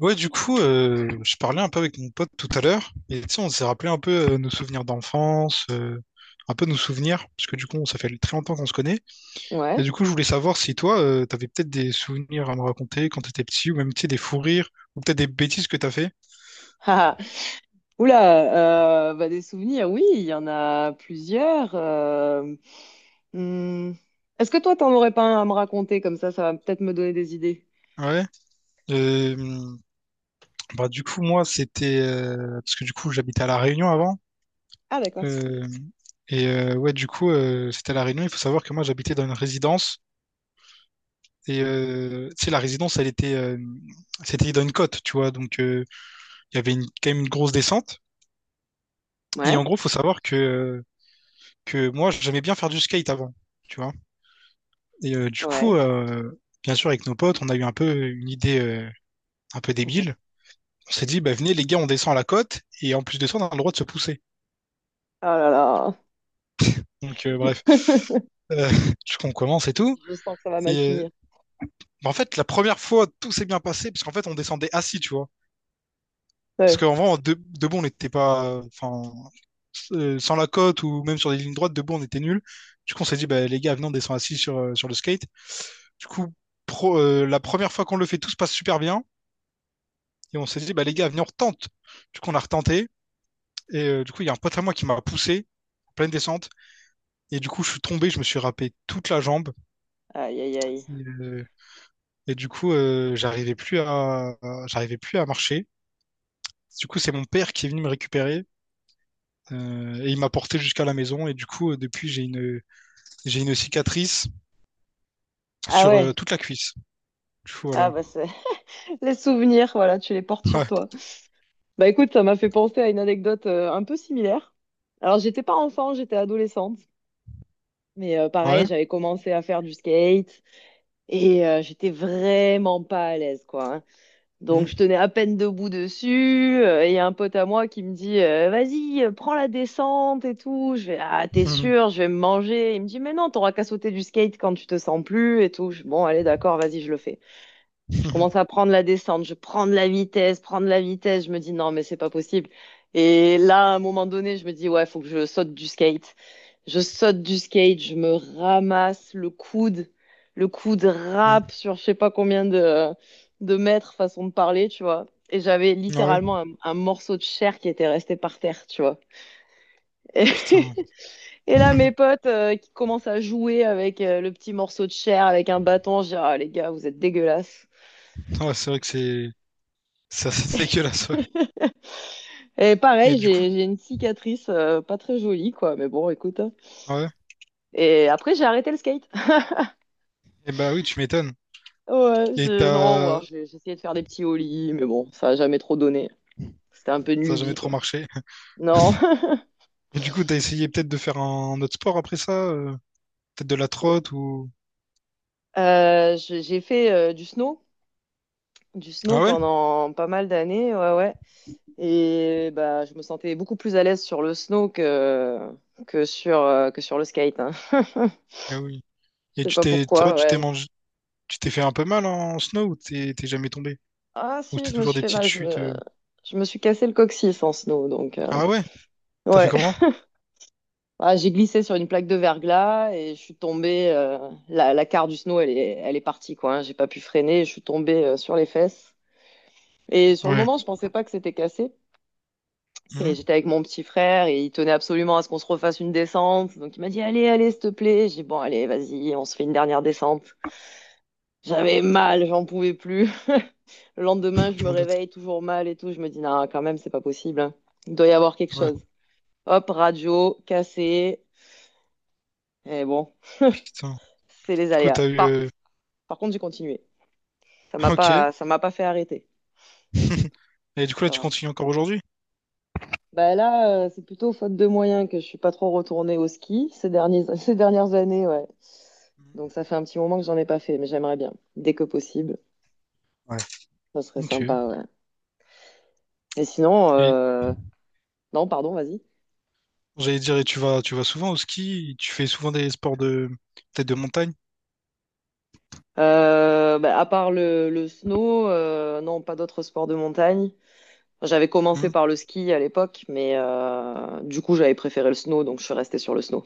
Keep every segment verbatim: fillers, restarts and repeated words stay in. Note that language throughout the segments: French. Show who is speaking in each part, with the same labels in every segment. Speaker 1: Ouais, du coup, euh, je parlais un peu avec mon pote tout à l'heure, et tu sais, on s'est rappelé un peu euh, nos souvenirs d'enfance, euh, un peu nos souvenirs, parce que du coup, ça fait très longtemps qu'on se connaît. Et
Speaker 2: Ouais.
Speaker 1: du coup, je voulais savoir si toi, euh, t'avais peut-être des souvenirs à me raconter quand t'étais petit, ou même, tu sais, des fous rires, ou peut-être des bêtises que t'as fait.
Speaker 2: Oula, euh, bah, des souvenirs, oui, il y en a plusieurs. euh, hmm. Est-ce que toi, t'en aurais pas un à me raconter comme ça, ça va peut-être me donner des idées.
Speaker 1: Ouais. Euh, bah, du coup, moi, c'était... euh, parce que du coup, j'habitais à La Réunion avant.
Speaker 2: Ah, d'accord.
Speaker 1: euh, et euh, ouais, du coup, euh, c'était à La Réunion. Il faut savoir que moi, j'habitais dans une résidence. Et euh, tu sais, la résidence, elle était, euh, c'était dans une côte, tu vois. Donc, euh, il y avait une- quand même une grosse descente. Et
Speaker 2: Ouais,
Speaker 1: en gros, faut savoir que, euh, que moi, j'aimais bien faire du skate avant, tu vois. Et euh, du coup,
Speaker 2: ouais.
Speaker 1: euh, bien sûr, avec nos potes, on a eu un peu une idée euh, un peu débile. On s'est dit, bah, venez, les gars, on descend à la côte. Et en plus de ça, on a le droit de se pousser.
Speaker 2: Oh là là,
Speaker 1: Donc, euh, bref. Euh, du coup, on commence et tout.
Speaker 2: je sens que ça va mal
Speaker 1: Et euh,
Speaker 2: finir.
Speaker 1: bah, en fait, la première fois, tout s'est bien passé, parce qu'en fait, on descendait assis, tu vois. Parce
Speaker 2: Ouais.
Speaker 1: qu'en vrai, de, debout, on n'était pas. Enfin, euh, sans la côte ou même sur des lignes droites, debout, on était nul. Du coup, on s'est dit, bah, les gars, venez, on descend assis sur, euh, sur le skate. Du coup, pro- euh, la première fois qu'on le fait, tout se passe super bien. Et on s'est dit, bah, les gars, venez, on retente. Du coup, on a retenté. Et euh, du coup, il y a un pote à moi qui m'a poussé en pleine descente. Et du coup, je suis tombé, je me suis râpé toute la jambe.
Speaker 2: Aïe, aïe, aïe.
Speaker 1: Et, euh, et du coup, euh, j'arrivais plus à, à- j'arrivais plus à marcher. Du coup, c'est mon père qui est venu me récupérer. Euh, et il m'a porté jusqu'à la maison. Et du coup, euh, depuis, j'ai une, j'ai une cicatrice
Speaker 2: Ah
Speaker 1: sur euh,
Speaker 2: ouais.
Speaker 1: toute la cuisse. Du coup,
Speaker 2: Ah
Speaker 1: voilà.
Speaker 2: bah c'est les souvenirs, voilà, tu les portes sur
Speaker 1: Ouais.
Speaker 2: toi. Bah écoute, ça m'a fait penser à une anecdote euh, un peu similaire. Alors j'étais pas enfant, j'étais adolescente, mais euh,
Speaker 1: Ouais.
Speaker 2: pareil, j'avais commencé à faire du skate. Et euh, j'étais vraiment pas à l'aise, quoi, hein. Donc
Speaker 1: Mm.
Speaker 2: je tenais à peine debout dessus. Euh, et il y a un pote à moi qui me dit, euh, vas-y, euh, prends la descente et tout. Je vais, ah, t'es
Speaker 1: Mm.
Speaker 2: sûr, je vais me manger. Il me dit, mais non, t'auras qu'à sauter du skate quand tu te sens plus et tout. Je, bon, allez, d'accord, vas-y, je le fais. Je commence à prendre la descente, je prends de la vitesse, prends de la vitesse. Je me dis non, mais c'est pas possible. Et là, à un moment donné, je me dis ouais, faut que je saute du skate. Je saute du skate, je me ramasse le coude, le coude rap sur je sais pas combien de, de mètres, façon de parler, tu vois. Et j'avais
Speaker 1: Mm. Ouais.
Speaker 2: littéralement un, un morceau de chair qui était resté par terre, tu vois. Et,
Speaker 1: Putain.
Speaker 2: et là, mes potes euh, qui commencent à jouer avec euh, le petit morceau de chair, avec un bâton, je dis, ah les gars, vous êtes dégueulasses.
Speaker 1: Ouais, c'est vrai que c'est ça, c'est dégueulasse. Ouais.
Speaker 2: Et
Speaker 1: Et
Speaker 2: pareil,
Speaker 1: du coup,
Speaker 2: j'ai j'ai une cicatrice euh, pas très jolie, quoi. Mais bon, écoute, hein.
Speaker 1: ouais.
Speaker 2: Et après, j'ai arrêté le skate.
Speaker 1: Et bah oui, tu m'étonnes.
Speaker 2: Ouais,
Speaker 1: Et
Speaker 2: je... non, ou alors
Speaker 1: t'as
Speaker 2: j'ai j'ai essayé de faire des petits ollies, mais bon, ça a jamais trop donné. C'était un peu une
Speaker 1: ça a jamais
Speaker 2: lubie,
Speaker 1: trop
Speaker 2: quoi.
Speaker 1: marché.
Speaker 2: Non.
Speaker 1: Et du coup, t'as essayé peut-être de faire un autre sport après ça, euh, peut-être de la
Speaker 2: Ouais.
Speaker 1: trotte ou
Speaker 2: Euh, j'ai j'ai fait euh, du snow, du snow
Speaker 1: ah ouais?
Speaker 2: pendant pas mal d'années, ouais, ouais. Et bah, je me sentais beaucoup plus à l'aise sur le snow que que sur euh, que sur le skate, hein.
Speaker 1: Ah oui.
Speaker 2: Je
Speaker 1: Et
Speaker 2: sais
Speaker 1: tu
Speaker 2: pas
Speaker 1: t'es ça va,
Speaker 2: pourquoi,
Speaker 1: tu t'es
Speaker 2: ouais.
Speaker 1: mangé, tu t'es fait un peu mal en snow ou t'es t'es jamais tombé?
Speaker 2: Ah
Speaker 1: Ou
Speaker 2: si,
Speaker 1: c'était
Speaker 2: je me
Speaker 1: toujours
Speaker 2: suis
Speaker 1: des
Speaker 2: fait
Speaker 1: petites
Speaker 2: mal, je
Speaker 1: chutes?
Speaker 2: me
Speaker 1: euh
Speaker 2: je me suis cassé le coccyx en snow, donc. euh,
Speaker 1: Ah ouais? T'as fait
Speaker 2: Ouais.
Speaker 1: comment?
Speaker 2: Ah, j'ai glissé sur une plaque de verglas et je suis tombée. euh, la, la carre du snow, elle est, elle est partie, quoi, hein. J'ai pas pu freiner. Je suis tombée euh, sur les fesses. Et sur le
Speaker 1: Ouais.
Speaker 2: moment, je pensais pas que c'était cassé. Et
Speaker 1: Hmm.
Speaker 2: j'étais avec mon petit frère et il tenait absolument à ce qu'on se refasse une descente. Donc il m'a dit, allez, allez, s'il te plaît. J'ai dit, bon, allez, vas-y, on se fait une dernière descente. J'avais mal, j'en pouvais plus. Le lendemain, je
Speaker 1: Je
Speaker 2: me
Speaker 1: m'en doute.
Speaker 2: réveille toujours mal et tout. Je me dis, non, quand même, c'est pas possible, hein. Il doit y avoir quelque
Speaker 1: Ouais,
Speaker 2: chose. Hop, radio, cassé. Et bon,
Speaker 1: putain.
Speaker 2: c'est les
Speaker 1: Du coup,
Speaker 2: aléas.
Speaker 1: t'as eu,
Speaker 2: Par,
Speaker 1: euh,
Speaker 2: Par contre, j'ai continué. Ça m'a
Speaker 1: ok.
Speaker 2: pas, ça m'a pas fait arrêter.
Speaker 1: Et du coup, là,
Speaker 2: Ça
Speaker 1: tu
Speaker 2: va.
Speaker 1: continues encore aujourd'hui?
Speaker 2: Bah là, euh, c'est plutôt faute de moyens que je suis pas trop retournée au ski ces derniers, ces dernières années, ouais.
Speaker 1: Mhm.
Speaker 2: Donc ça fait un petit moment que j'en ai pas fait, mais j'aimerais bien. Dès que possible,
Speaker 1: Ouais.
Speaker 2: ça serait
Speaker 1: Ok.
Speaker 2: sympa, ouais. Et sinon,
Speaker 1: Et
Speaker 2: euh, non, pardon, vas-y.
Speaker 1: j'allais dire, et tu vas, tu vas souvent au ski? Tu fais souvent des sports de, peut-être de montagne?
Speaker 2: Euh, bah, à part le, le snow, euh, non, pas d'autres sports de montagne. J'avais commencé
Speaker 1: Mhm.
Speaker 2: par le ski à l'époque, mais euh, du coup, j'avais préféré le snow, donc je suis restée sur le snow.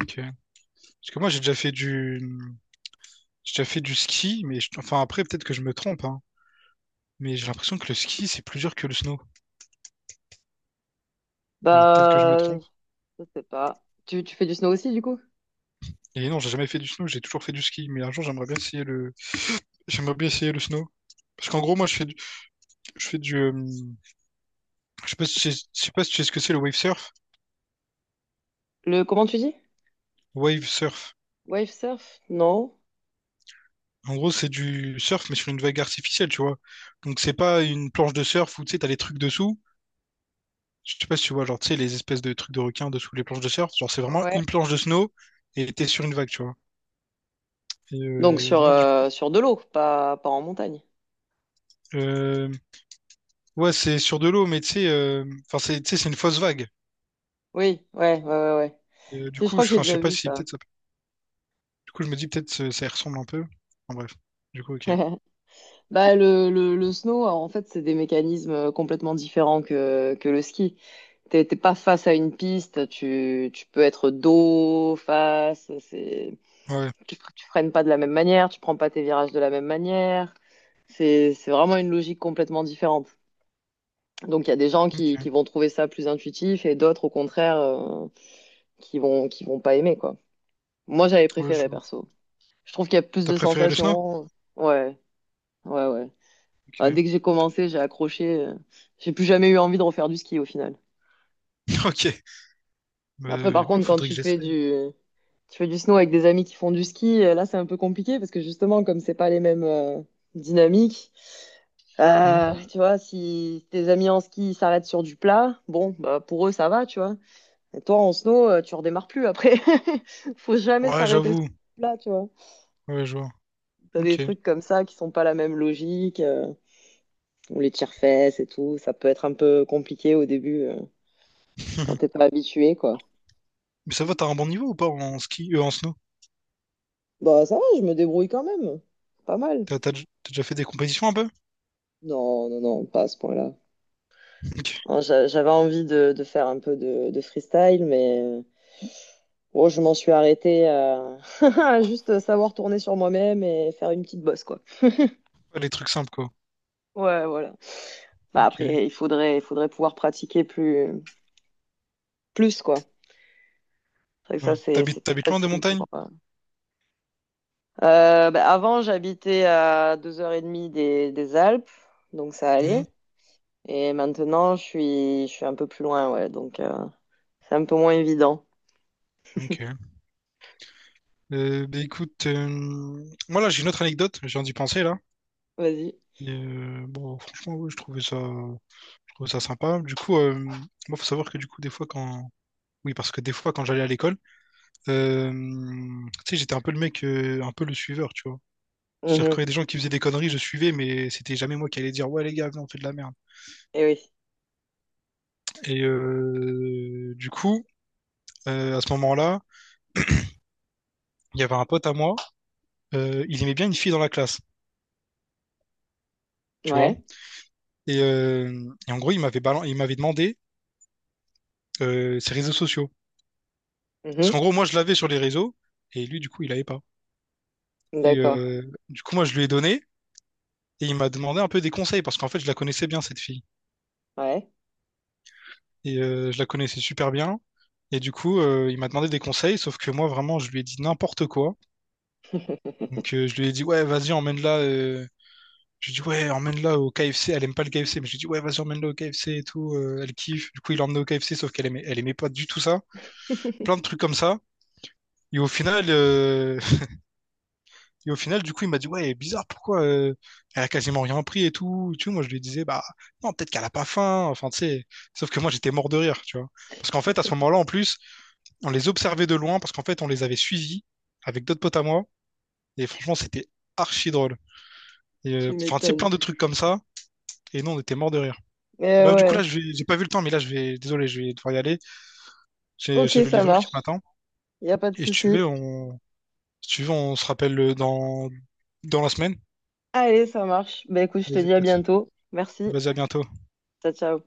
Speaker 1: Ok. Parce que moi, j'ai déjà fait du, j'ai déjà fait du ski, mais je- enfin après, peut-être que je me trompe, hein. Mais j'ai l'impression que le ski, c'est plus dur que le snow. Alors peut-être que je me
Speaker 2: Bah,
Speaker 1: trompe.
Speaker 2: je sais pas. Tu, tu fais du snow aussi, du coup?
Speaker 1: Et non, j'ai jamais fait du snow, j'ai toujours fait du ski. Mais un jour, j'aimerais bien essayer le, j'aimerais bien essayer le snow. Parce qu'en gros, moi, je fais du, je fais du, euh, je sais pas si tu sais je sais pas si tu sais ce que c'est le wave surf.
Speaker 2: Le, comment tu dis?
Speaker 1: Wave surf.
Speaker 2: Wave surf? Non.
Speaker 1: En gros, c'est du surf, mais sur une vague artificielle, tu vois. Donc, c'est pas une planche de surf où, tu sais, t'as les trucs dessous. Je sais pas si tu vois, genre, tu sais, les espèces de trucs de requins dessous les planches de surf. Genre, c'est vraiment
Speaker 2: Ouais.
Speaker 1: une planche de snow et t'es sur une vague, tu vois. Et
Speaker 2: Donc
Speaker 1: euh,
Speaker 2: sur,
Speaker 1: moi, du coup,
Speaker 2: euh, sur de l'eau, pas, pas en montagne.
Speaker 1: euh, ouais, c'est sur de l'eau, mais tu sais, euh, enfin, c'est, tu sais, c'est une fausse vague.
Speaker 2: Oui, ouais, ouais, ouais, ouais.
Speaker 1: Et, euh, du
Speaker 2: Si, je
Speaker 1: coup,
Speaker 2: crois que
Speaker 1: je,
Speaker 2: j'ai
Speaker 1: enfin, je sais
Speaker 2: déjà
Speaker 1: pas
Speaker 2: vu
Speaker 1: si
Speaker 2: ça.
Speaker 1: peut-être ça. Du coup, je me dis peut-être ça, ça y ressemble un peu. En bref. Du coup, ok.
Speaker 2: Bah, le, le, le snow, en fait, c'est des mécanismes complètement différents que, que le ski. T'es t'es pas face à une piste, tu, tu peux être dos, face, c'est,
Speaker 1: Ouais,
Speaker 2: tu, fre- tu freines pas de la même manière, tu prends pas tes virages de la même manière. C'est, c'est vraiment une logique complètement différente. Donc il y a des gens qui, qui
Speaker 1: ok.
Speaker 2: vont trouver ça plus intuitif et d'autres au contraire euh, qui vont qui vont pas aimer quoi. Moi j'avais
Speaker 1: Ouais, je
Speaker 2: préféré
Speaker 1: vois.
Speaker 2: perso. Je trouve qu'il y a plus
Speaker 1: T'as
Speaker 2: de
Speaker 1: préféré le snow?
Speaker 2: sensations. Ouais, ouais, ouais. Ah,
Speaker 1: Ok.
Speaker 2: dès que j'ai commencé, j'ai accroché. euh, J'ai plus jamais eu envie de refaire du ski au final.
Speaker 1: Ok. Bah,
Speaker 2: Après par
Speaker 1: ouais,
Speaker 2: contre quand
Speaker 1: faudrait
Speaker 2: tu
Speaker 1: que
Speaker 2: fais
Speaker 1: j'essaie.
Speaker 2: du tu fais du snow avec des amis qui font du ski, euh, là c'est un peu compliqué parce que justement comme c'est pas les mêmes euh, dynamiques.
Speaker 1: Hmm.
Speaker 2: Euh, tu vois, si tes amis en ski ils s'arrêtent sur du plat, bon, bah pour eux ça va, tu vois. Et toi, en snow, euh, tu redémarres plus après. Faut jamais
Speaker 1: Ouais,
Speaker 2: s'arrêter sur
Speaker 1: j'avoue.
Speaker 2: là, tu vois.
Speaker 1: Ouais, je vois.
Speaker 2: T'as des
Speaker 1: Ok.
Speaker 2: trucs comme ça qui sont pas la même logique, euh, ou les tire-fesses et tout. Ça peut être un peu compliqué au début euh, quand t'es pas habitué, quoi.
Speaker 1: Mais ça va, t'as un bon niveau ou pas en ski, euh, en snow?
Speaker 2: Bah, ça va, je me débrouille quand même. Pas mal.
Speaker 1: T'as t'as dj- t'as déjà fait des compétitions un peu?
Speaker 2: Non, non, non, pas à ce point-là.
Speaker 1: Ok.
Speaker 2: Hein, j'a- j'avais envie de, de faire un peu de, de freestyle, mais euh, bon, je m'en suis arrêtée à à juste savoir tourner sur moi-même et faire une petite bosse, quoi.
Speaker 1: Ouais, les trucs simples, quoi.
Speaker 2: Ouais, voilà. Bah,
Speaker 1: Ok.
Speaker 2: après, il faudrait, il faudrait pouvoir pratiquer plus, plus quoi. C'est vrai que
Speaker 1: Ouais.
Speaker 2: ça, c'est, c'est
Speaker 1: T'habites,
Speaker 2: plus
Speaker 1: t'habites loin des
Speaker 2: facile pour.
Speaker 1: montagnes?
Speaker 2: euh. Euh, bah, avant, j'habitais à deux heures trente des, des Alpes, donc ça
Speaker 1: Hmm.
Speaker 2: allait. Et maintenant, je suis, je suis un peu plus loin, ouais, donc euh, c'est un peu moins évident.
Speaker 1: Ok. Euh, bah écoute, euh, moi là j'ai une autre anecdote, j'ai viens d'y penser là.
Speaker 2: Vas-y.
Speaker 1: Et, euh, bon, franchement, ouais, je trouvais ça, je trouvais ça sympa. Du coup, euh, moi faut savoir que du coup, des fois quand. Oui, parce que des fois quand j'allais à l'école, euh, tu sais, j'étais un peu le mec, euh, un peu le suiveur, tu vois. C'est-à-dire quand
Speaker 2: Mhm.
Speaker 1: il y a des gens qui faisaient des conneries, je suivais, mais c'était jamais moi qui allais dire, ouais les gars, viens, on fait de la merde.
Speaker 2: Eh oui.
Speaker 1: Et euh, du coup, euh, à ce moment-là, il y avait un pote à moi, euh, il aimait bien une fille dans la classe, tu vois.
Speaker 2: Ouais.
Speaker 1: Et, euh, et en gros, il m'avait balan- il m'avait demandé euh, ses réseaux sociaux. Parce qu'en
Speaker 2: Mhm.
Speaker 1: gros, moi, je l'avais sur les réseaux, et lui, du coup, il l'avait pas. Et
Speaker 2: D'accord.
Speaker 1: euh, du coup, moi, je lui ai donné, et il m'a demandé un peu des conseils, parce qu'en fait, je la connaissais bien, cette fille.
Speaker 2: Ouais.
Speaker 1: Et euh, je la connaissais super bien. Et du coup, euh, il m'a demandé des conseils, sauf que moi, vraiment, je lui ai dit n'importe quoi. Donc, euh, je lui ai dit, ouais, vas-y, emmène-la. euh, Je lui dis, ouais, emmène-la au K F C. Elle aime pas le K F C, mais je lui dis, ouais, vas-y, emmène-la au K F C et tout. Euh, elle kiffe. Du coup, il l'emmène au K F C, sauf qu'elle aimait, elle aimait pas du tout ça. Plein de trucs comme ça. Et au final, euh, et au final, du coup, il m'a dit, ouais, bizarre, pourquoi euh, elle a quasiment rien pris et tout. Tu vois, moi, je lui disais, bah, non, peut-être qu'elle a pas faim. Enfin, tu sais, sauf que moi, j'étais mort de rire, tu vois. Parce qu'en fait, à ce moment-là, en plus, on les observait de loin parce qu'en fait, on les avait suivis avec d'autres potes à moi. Et franchement, c'était archi drôle. Et,
Speaker 2: Tu
Speaker 1: euh, enfin, tu sais,
Speaker 2: m'étonnes.
Speaker 1: plein de trucs comme ça. Et nous, on était mort de rire.
Speaker 2: Eh
Speaker 1: Bref, du coup, là,
Speaker 2: ouais.
Speaker 1: je vais... j'ai pas vu le temps, mais là, je vais. Désolé, je vais devoir y aller. J'ai
Speaker 2: Ok,
Speaker 1: j'ai le
Speaker 2: ça
Speaker 1: livreur qui
Speaker 2: marche.
Speaker 1: m'attend.
Speaker 2: Il n'y a pas de
Speaker 1: Et si tu
Speaker 2: souci.
Speaker 1: veux, on... si tu veux, on se rappelle euh, dans, dans la semaine.
Speaker 2: Allez, ça marche. Bah écoute, je te
Speaker 1: Vas-y,
Speaker 2: dis à
Speaker 1: pote.
Speaker 2: bientôt. Merci.
Speaker 1: Vas-y, à bientôt.
Speaker 2: Ciao, ciao.